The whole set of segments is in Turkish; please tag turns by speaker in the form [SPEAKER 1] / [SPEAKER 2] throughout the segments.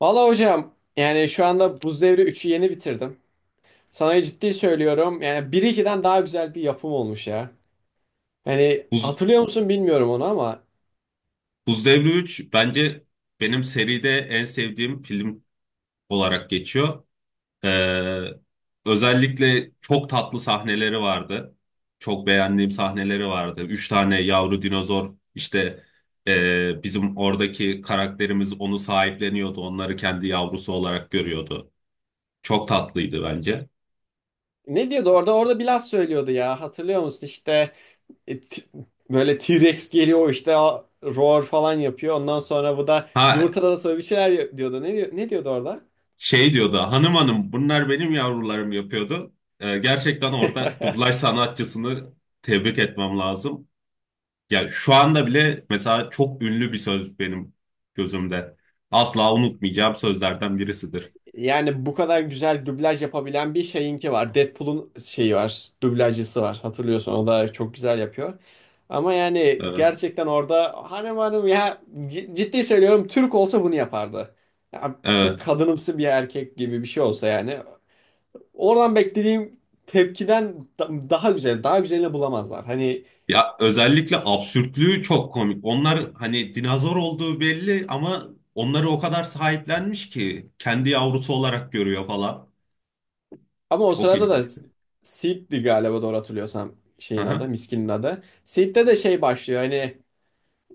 [SPEAKER 1] Valla hocam yani şu anda Buz Devri üçü yeni bitirdim. Sana ciddi söylüyorum yani 1-2'den daha güzel bir yapım olmuş ya. Yani
[SPEAKER 2] Buz,
[SPEAKER 1] hatırlıyor musun bilmiyorum onu ama
[SPEAKER 2] Buz Devri 3 bence benim seride en sevdiğim film olarak geçiyor. Ee, Özellikle çok tatlı sahneleri vardı. Çok beğendiğim sahneleri vardı. Üç tane yavru dinozor işte bizim oradaki karakterimiz onu sahipleniyordu. Onları kendi yavrusu olarak görüyordu. Çok tatlıydı bence.
[SPEAKER 1] ne diyordu orada bir laf söylüyordu ya hatırlıyor musun işte e, t- böyle T-Rex geliyor işte roar falan yapıyor ondan sonra bu da
[SPEAKER 2] Ha,
[SPEAKER 1] yumurtalara sonra bir şeyler diyordu ne diyordu orada?
[SPEAKER 2] şey diyordu, hanım hanım bunlar benim yavrularım yapıyordu. Gerçekten orada dublaj sanatçısını tebrik etmem lazım. Ya şu anda bile mesela çok ünlü bir söz benim gözümde. Asla unutmayacağım sözlerden birisidir.
[SPEAKER 1] Yani bu kadar güzel dublaj yapabilen bir şeyinki var. Deadpool'un şeyi var, dublajcısı var. Hatırlıyorsun o da çok güzel yapıyor. Ama yani
[SPEAKER 2] Evet.
[SPEAKER 1] gerçekten orada hanım hanım ya ciddi söylüyorum Türk olsa bunu yapardı. Ya, Türk
[SPEAKER 2] Evet.
[SPEAKER 1] kadınımsı bir erkek gibi bir şey olsa yani. Oradan beklediğim tepkiden daha güzel, daha güzelini bulamazlar. Hani
[SPEAKER 2] Ya özellikle absürtlüğü çok komik. Onlar hani dinozor olduğu belli ama onları o kadar sahiplenmiş ki kendi yavrusu olarak görüyor falan.
[SPEAKER 1] ama o
[SPEAKER 2] Çok
[SPEAKER 1] sırada da
[SPEAKER 2] ilginç.
[SPEAKER 1] Seed'di galiba doğru hatırlıyorsam şeyin adı,
[SPEAKER 2] Aha.
[SPEAKER 1] Miskin'in adı. Seed'de de şey başlıyor hani.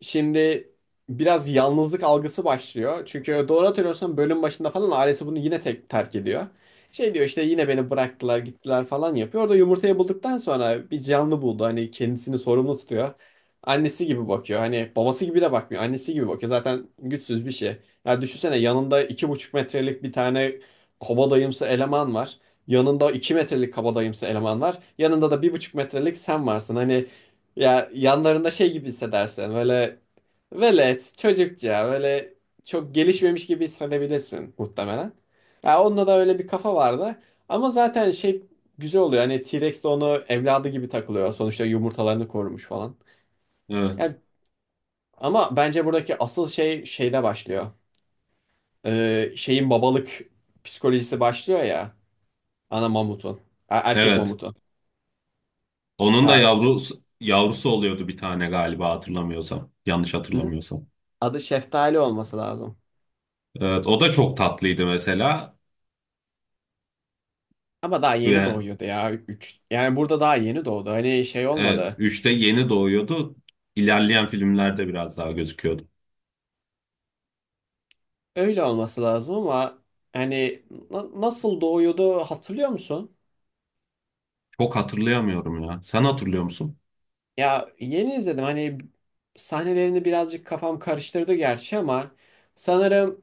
[SPEAKER 1] Şimdi biraz yalnızlık algısı başlıyor. Çünkü doğru hatırlıyorsam bölüm başında falan ailesi bunu yine tek terk ediyor. Şey diyor işte yine beni bıraktılar gittiler falan yapıyor. Orada yumurtayı bulduktan sonra bir canlı buldu. Hani kendisini sorumlu tutuyor. Annesi gibi bakıyor. Hani babası gibi de bakmıyor. Annesi gibi bakıyor. Zaten güçsüz bir şey. Ya düşünsene yanında iki buçuk metrelik bir tane kabadayımsı eleman var. Yanında iki metrelik kabadayımsı eleman var. Yanında da bir buçuk metrelik sen varsın. Hani ya yanlarında şey gibi hissedersin böyle velet çocukça böyle çok gelişmemiş gibi hissedebilirsin muhtemelen. Ya onda da öyle bir kafa vardı ama zaten şey güzel oluyor hani T-Rex de onu evladı gibi takılıyor sonuçta yumurtalarını korumuş falan.
[SPEAKER 2] Evet.
[SPEAKER 1] Yani, ama bence buradaki asıl şey şeyde başlıyor. Şeyin babalık psikolojisi başlıyor ya ana mamutun. Erkek
[SPEAKER 2] Evet.
[SPEAKER 1] mamutun.
[SPEAKER 2] Onun da
[SPEAKER 1] Ya,
[SPEAKER 2] yavrusu oluyordu bir tane galiba hatırlamıyorsam. Yanlış
[SPEAKER 1] hı hı.
[SPEAKER 2] hatırlamıyorsam.
[SPEAKER 1] Adı Şeftali olması lazım.
[SPEAKER 2] Evet, o da çok tatlıydı mesela.
[SPEAKER 1] Ama daha yeni
[SPEAKER 2] Ve
[SPEAKER 1] doğuyordu ya. Üç yani burada daha yeni doğdu. Hani şey
[SPEAKER 2] Evet,
[SPEAKER 1] olmadı.
[SPEAKER 2] üçte yeni doğuyordu. İlerleyen filmlerde biraz daha gözüküyordu.
[SPEAKER 1] Öyle olması lazım ama hani nasıl doğuyordu hatırlıyor musun?
[SPEAKER 2] Çok hatırlayamıyorum ya. Sen hatırlıyor musun?
[SPEAKER 1] Ya yeni izledim. Hani sahnelerini birazcık kafam karıştırdı gerçi ama sanırım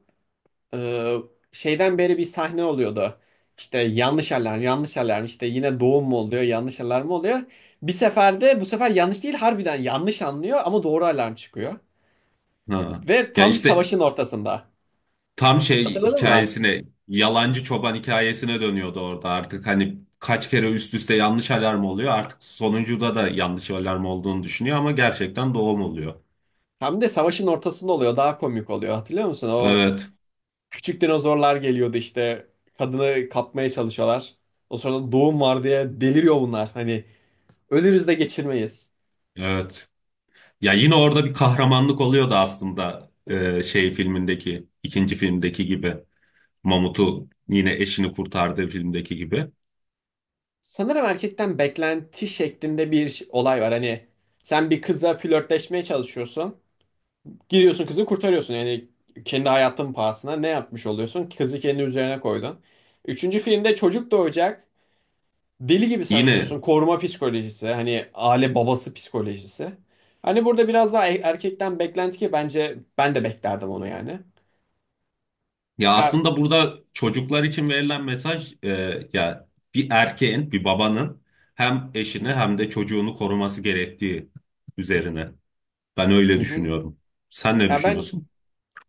[SPEAKER 1] e, şeyden beri bir sahne oluyordu. İşte yanlış alarm, yanlış alarm. İşte yine doğum mu oluyor, yanlış alarm mı oluyor? Bir seferde bu sefer yanlış değil harbiden yanlış anlıyor ama doğru alarm çıkıyor.
[SPEAKER 2] Ha.
[SPEAKER 1] Ve
[SPEAKER 2] Ya
[SPEAKER 1] tam
[SPEAKER 2] işte
[SPEAKER 1] savaşın ortasında.
[SPEAKER 2] tam şey
[SPEAKER 1] Hatırladın mı?
[SPEAKER 2] hikayesine, yalancı çoban hikayesine dönüyordu orada artık. Hani kaç kere üst üste yanlış alarm oluyor. Artık sonuncuda da yanlış alarm olduğunu düşünüyor ama gerçekten doğum oluyor.
[SPEAKER 1] Hem de savaşın ortasında oluyor. Daha komik oluyor. Hatırlıyor musun? O
[SPEAKER 2] Evet,
[SPEAKER 1] küçük dinozorlar geliyordu işte. Kadını kapmaya çalışıyorlar. O sırada doğum var diye deliriyor bunlar. Hani ölürüz de geçirmeyiz.
[SPEAKER 2] evet. Ya yine orada bir kahramanlık oluyordu aslında, şey filmindeki, ikinci filmdeki gibi. Mamut'u yine eşini kurtardığı filmdeki gibi.
[SPEAKER 1] Sanırım erkekten beklenti şeklinde bir olay var. Hani sen bir kıza flörtleşmeye çalışıyorsun. Gidiyorsun kızı kurtarıyorsun. Yani kendi hayatın pahasına ne yapmış oluyorsun? Kızı kendi üzerine koydun. Üçüncü filmde çocuk doğacak. Deli gibi
[SPEAKER 2] Yine
[SPEAKER 1] savaşıyorsun. Koruma psikolojisi, hani aile babası psikolojisi. Hani burada biraz daha erkekten beklenti ki bence ben de beklerdim onu yani.
[SPEAKER 2] Ya
[SPEAKER 1] Ya,
[SPEAKER 2] aslında burada çocuklar için verilen mesaj, ya bir erkeğin, bir babanın hem eşini hem de çocuğunu koruması gerektiği üzerine. Ben öyle
[SPEAKER 1] hı hı.
[SPEAKER 2] düşünüyorum. Sen ne
[SPEAKER 1] Ya ben
[SPEAKER 2] düşünüyorsun?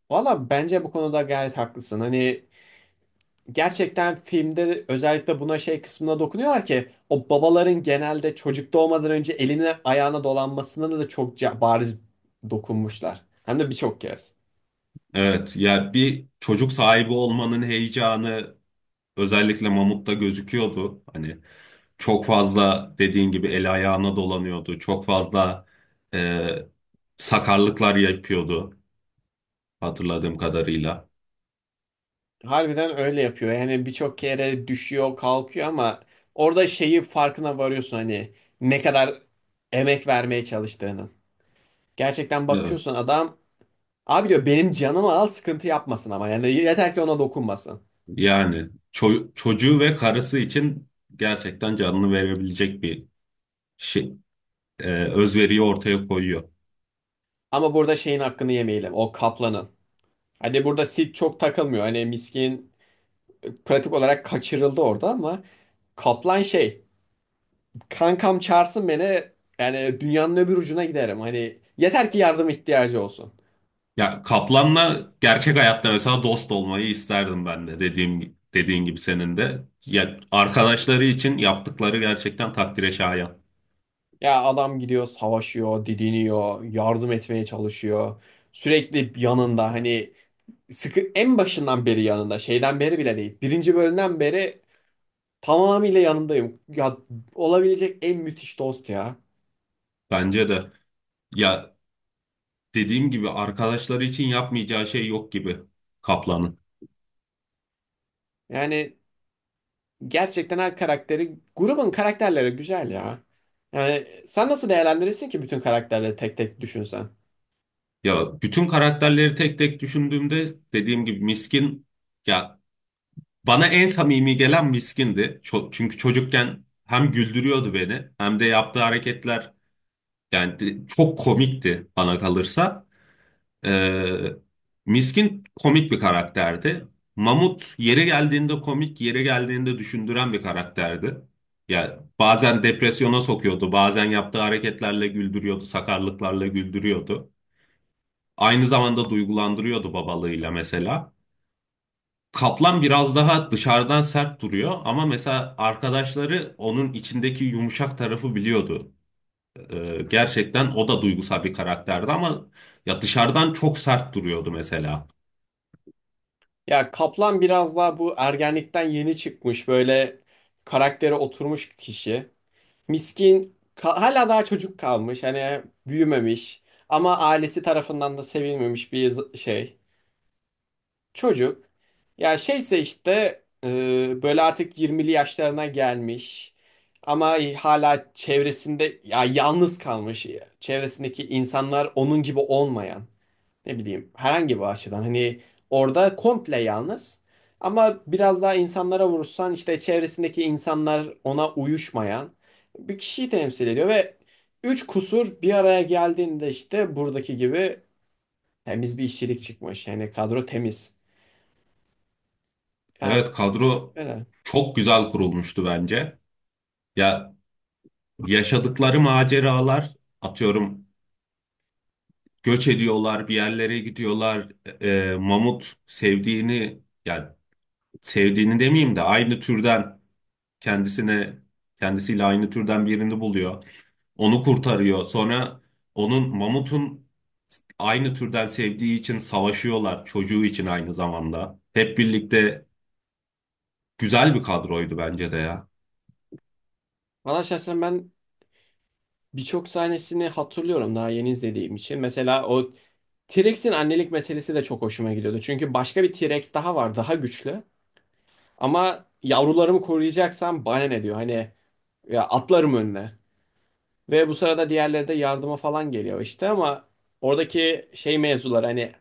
[SPEAKER 1] valla bence bu konuda gayet haklısın. Hani gerçekten filmde özellikle buna şey kısmına dokunuyorlar ki o babaların genelde çocuk doğmadan önce eline ayağına dolanmasına da çok bariz dokunmuşlar. Hem de birçok kez.
[SPEAKER 2] Evet, ya bir çocuk sahibi olmanın heyecanı özellikle Mamut'ta gözüküyordu. Hani çok fazla dediğin gibi el ayağına dolanıyordu. Çok fazla e, sakarlıklar yapıyordu hatırladığım kadarıyla.
[SPEAKER 1] Harbiden öyle yapıyor. Yani birçok kere düşüyor, kalkıyor ama orada şeyi farkına varıyorsun hani ne kadar emek vermeye çalıştığının. Gerçekten
[SPEAKER 2] Evet.
[SPEAKER 1] bakıyorsun adam abi diyor benim canımı al sıkıntı yapmasın ama yani yeter ki ona dokunmasın.
[SPEAKER 2] Yani çocuğu ve karısı için gerçekten canını verebilecek bir şey, özveriyi ortaya koyuyor.
[SPEAKER 1] Ama burada şeyin hakkını yemeyelim o kaplanın. Hadi burada Sid çok takılmıyor. Hani miskin pratik olarak kaçırıldı orada ama kaplan şey kankam çağırsın beni yani dünyanın öbür ucuna giderim. Hani yeter ki yardım ihtiyacı olsun.
[SPEAKER 2] Ya Kaplan'la gerçek hayatta mesela dost olmayı isterdim ben de, dediğin gibi senin de. Ya arkadaşları için yaptıkları gerçekten takdire şayan.
[SPEAKER 1] Ya adam gidiyor savaşıyor, didiniyor, yardım etmeye çalışıyor. Sürekli yanında hani sıkı en başından beri yanında şeyden beri bile değil. Birinci bölümden beri tamamıyla yanındayım. Ya olabilecek en müthiş dost ya.
[SPEAKER 2] Bence de. Ya dediğim gibi arkadaşları için yapmayacağı şey yok gibi Kaplan'ın.
[SPEAKER 1] Yani gerçekten her karakteri grubun karakterleri güzel ya. Yani sen nasıl değerlendirirsin ki bütün karakterleri tek tek düşünsen?
[SPEAKER 2] Ya bütün karakterleri tek tek düşündüğümde dediğim gibi Miskin, ya bana en samimi gelen Miskin'di. Çünkü çocukken hem güldürüyordu beni hem de yaptığı hareketler, yani çok komikti bana kalırsa. Ee, Miskin komik bir karakterdi. Mamut yere geldiğinde komik, yere geldiğinde düşündüren bir karakterdi. Ya bazen depresyona sokuyordu, bazen yaptığı hareketlerle güldürüyordu, sakarlıklarla güldürüyordu. Aynı zamanda duygulandırıyordu babalığıyla mesela. Kaplan biraz daha dışarıdan sert duruyor ama mesela arkadaşları onun içindeki yumuşak tarafı biliyordu. Gerçekten o da duygusal bir karakterdi ama ya dışarıdan çok sert duruyordu mesela.
[SPEAKER 1] Ya Kaplan biraz daha bu ergenlikten yeni çıkmış böyle karaktere oturmuş kişi. Miskin hala daha çocuk kalmış hani büyümemiş ama ailesi tarafından da sevilmemiş bir şey çocuk. Ya şeyse işte böyle artık 20'li yaşlarına gelmiş ama hala çevresinde ya yalnız kalmış çevresindeki insanlar onun gibi olmayan ne bileyim herhangi bir açıdan hani orada komple yalnız ama biraz daha insanlara vurursan işte çevresindeki insanlar ona uyuşmayan bir kişiyi temsil ediyor ve üç kusur bir araya geldiğinde işte buradaki gibi temiz bir işçilik çıkmış yani kadro temiz. Ya
[SPEAKER 2] Evet, kadro
[SPEAKER 1] öyle.
[SPEAKER 2] çok güzel kurulmuştu bence. Ya yaşadıkları maceralar, atıyorum, göç ediyorlar, bir yerlere gidiyorlar. E, Mamut sevdiğini, yani sevdiğini demeyeyim de aynı türden kendisine, kendisiyle aynı türden birini buluyor. Onu kurtarıyor. Sonra onun, mamutun, aynı türden sevdiği için savaşıyorlar. Çocuğu için aynı zamanda. Hep birlikte güzel bir kadroydu bence de ya.
[SPEAKER 1] Valla şahsen ben birçok sahnesini hatırlıyorum daha yeni izlediğim için. Mesela o T-Rex'in annelik meselesi de çok hoşuma gidiyordu. Çünkü başka bir T-Rex daha var, daha güçlü. Ama yavrularımı koruyacaksam bana ne diyor? Hani ya atlarım önüne. Ve bu sırada diğerleri de yardıma falan geliyor işte ama oradaki şey mevzular hani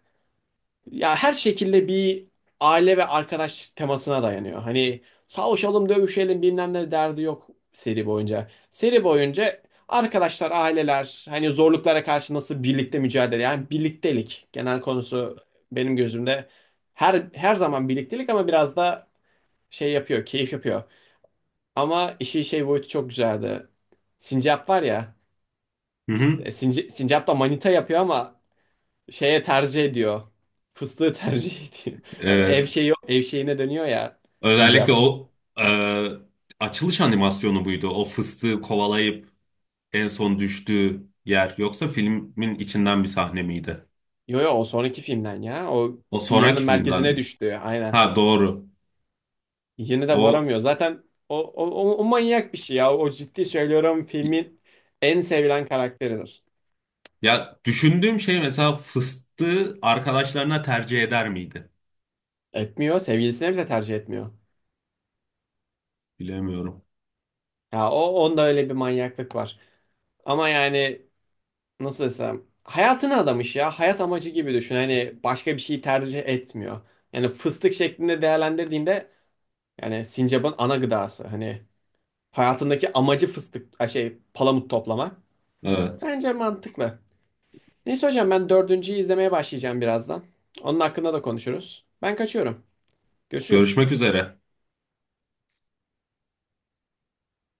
[SPEAKER 1] ya her şekilde bir aile ve arkadaş temasına dayanıyor. Hani savaşalım, dövüşelim bilmem ne derdi yok seri boyunca. Seri boyunca arkadaşlar, aileler hani zorluklara karşı nasıl birlikte mücadele yani birliktelik genel konusu benim gözümde her zaman birliktelik ama biraz da şey yapıyor, keyif yapıyor. Ama işin şey boyutu çok güzeldi. Sincap var ya.
[SPEAKER 2] Hı hı.
[SPEAKER 1] Sincap da manita yapıyor ama şeye tercih ediyor. Fıstığı tercih ediyor. Ev
[SPEAKER 2] Evet.
[SPEAKER 1] şeyi ev şeyine dönüyor ya
[SPEAKER 2] Özellikle
[SPEAKER 1] Sincap.
[SPEAKER 2] o e, açılış animasyonu buydu. O fıstığı kovalayıp en son düştüğü yer. Yoksa filmin içinden bir sahne miydi?
[SPEAKER 1] Yo yo o sonraki filmden ya. O
[SPEAKER 2] O
[SPEAKER 1] dünyanın
[SPEAKER 2] sonraki filmden
[SPEAKER 1] merkezine
[SPEAKER 2] mi?
[SPEAKER 1] düştü. Aynen.
[SPEAKER 2] Ha, doğru.
[SPEAKER 1] Yine de
[SPEAKER 2] O
[SPEAKER 1] varamıyor. Zaten o manyak bir şey ya. O ciddi söylüyorum filmin en sevilen karakteridir.
[SPEAKER 2] ya, düşündüğüm şey, mesela fıstığı arkadaşlarına tercih eder miydi?
[SPEAKER 1] Etmiyor. Sevgilisine bile tercih etmiyor.
[SPEAKER 2] Bilemiyorum.
[SPEAKER 1] Ya o onda öyle bir manyaklık var. Ama yani nasıl desem hayatını adamış ya. Hayat amacı gibi düşün. Hani başka bir şey tercih etmiyor. Yani fıstık şeklinde değerlendirdiğinde yani sincapın ana gıdası. Hani hayatındaki amacı fıstık ay şey palamut toplama.
[SPEAKER 2] Evet.
[SPEAKER 1] Bence mantıklı. Neyse hocam ben dördüncüyü izlemeye başlayacağım birazdan. Onun hakkında da konuşuruz. Ben kaçıyorum.
[SPEAKER 2] Görüşmek
[SPEAKER 1] Görüşürüz.
[SPEAKER 2] üzere.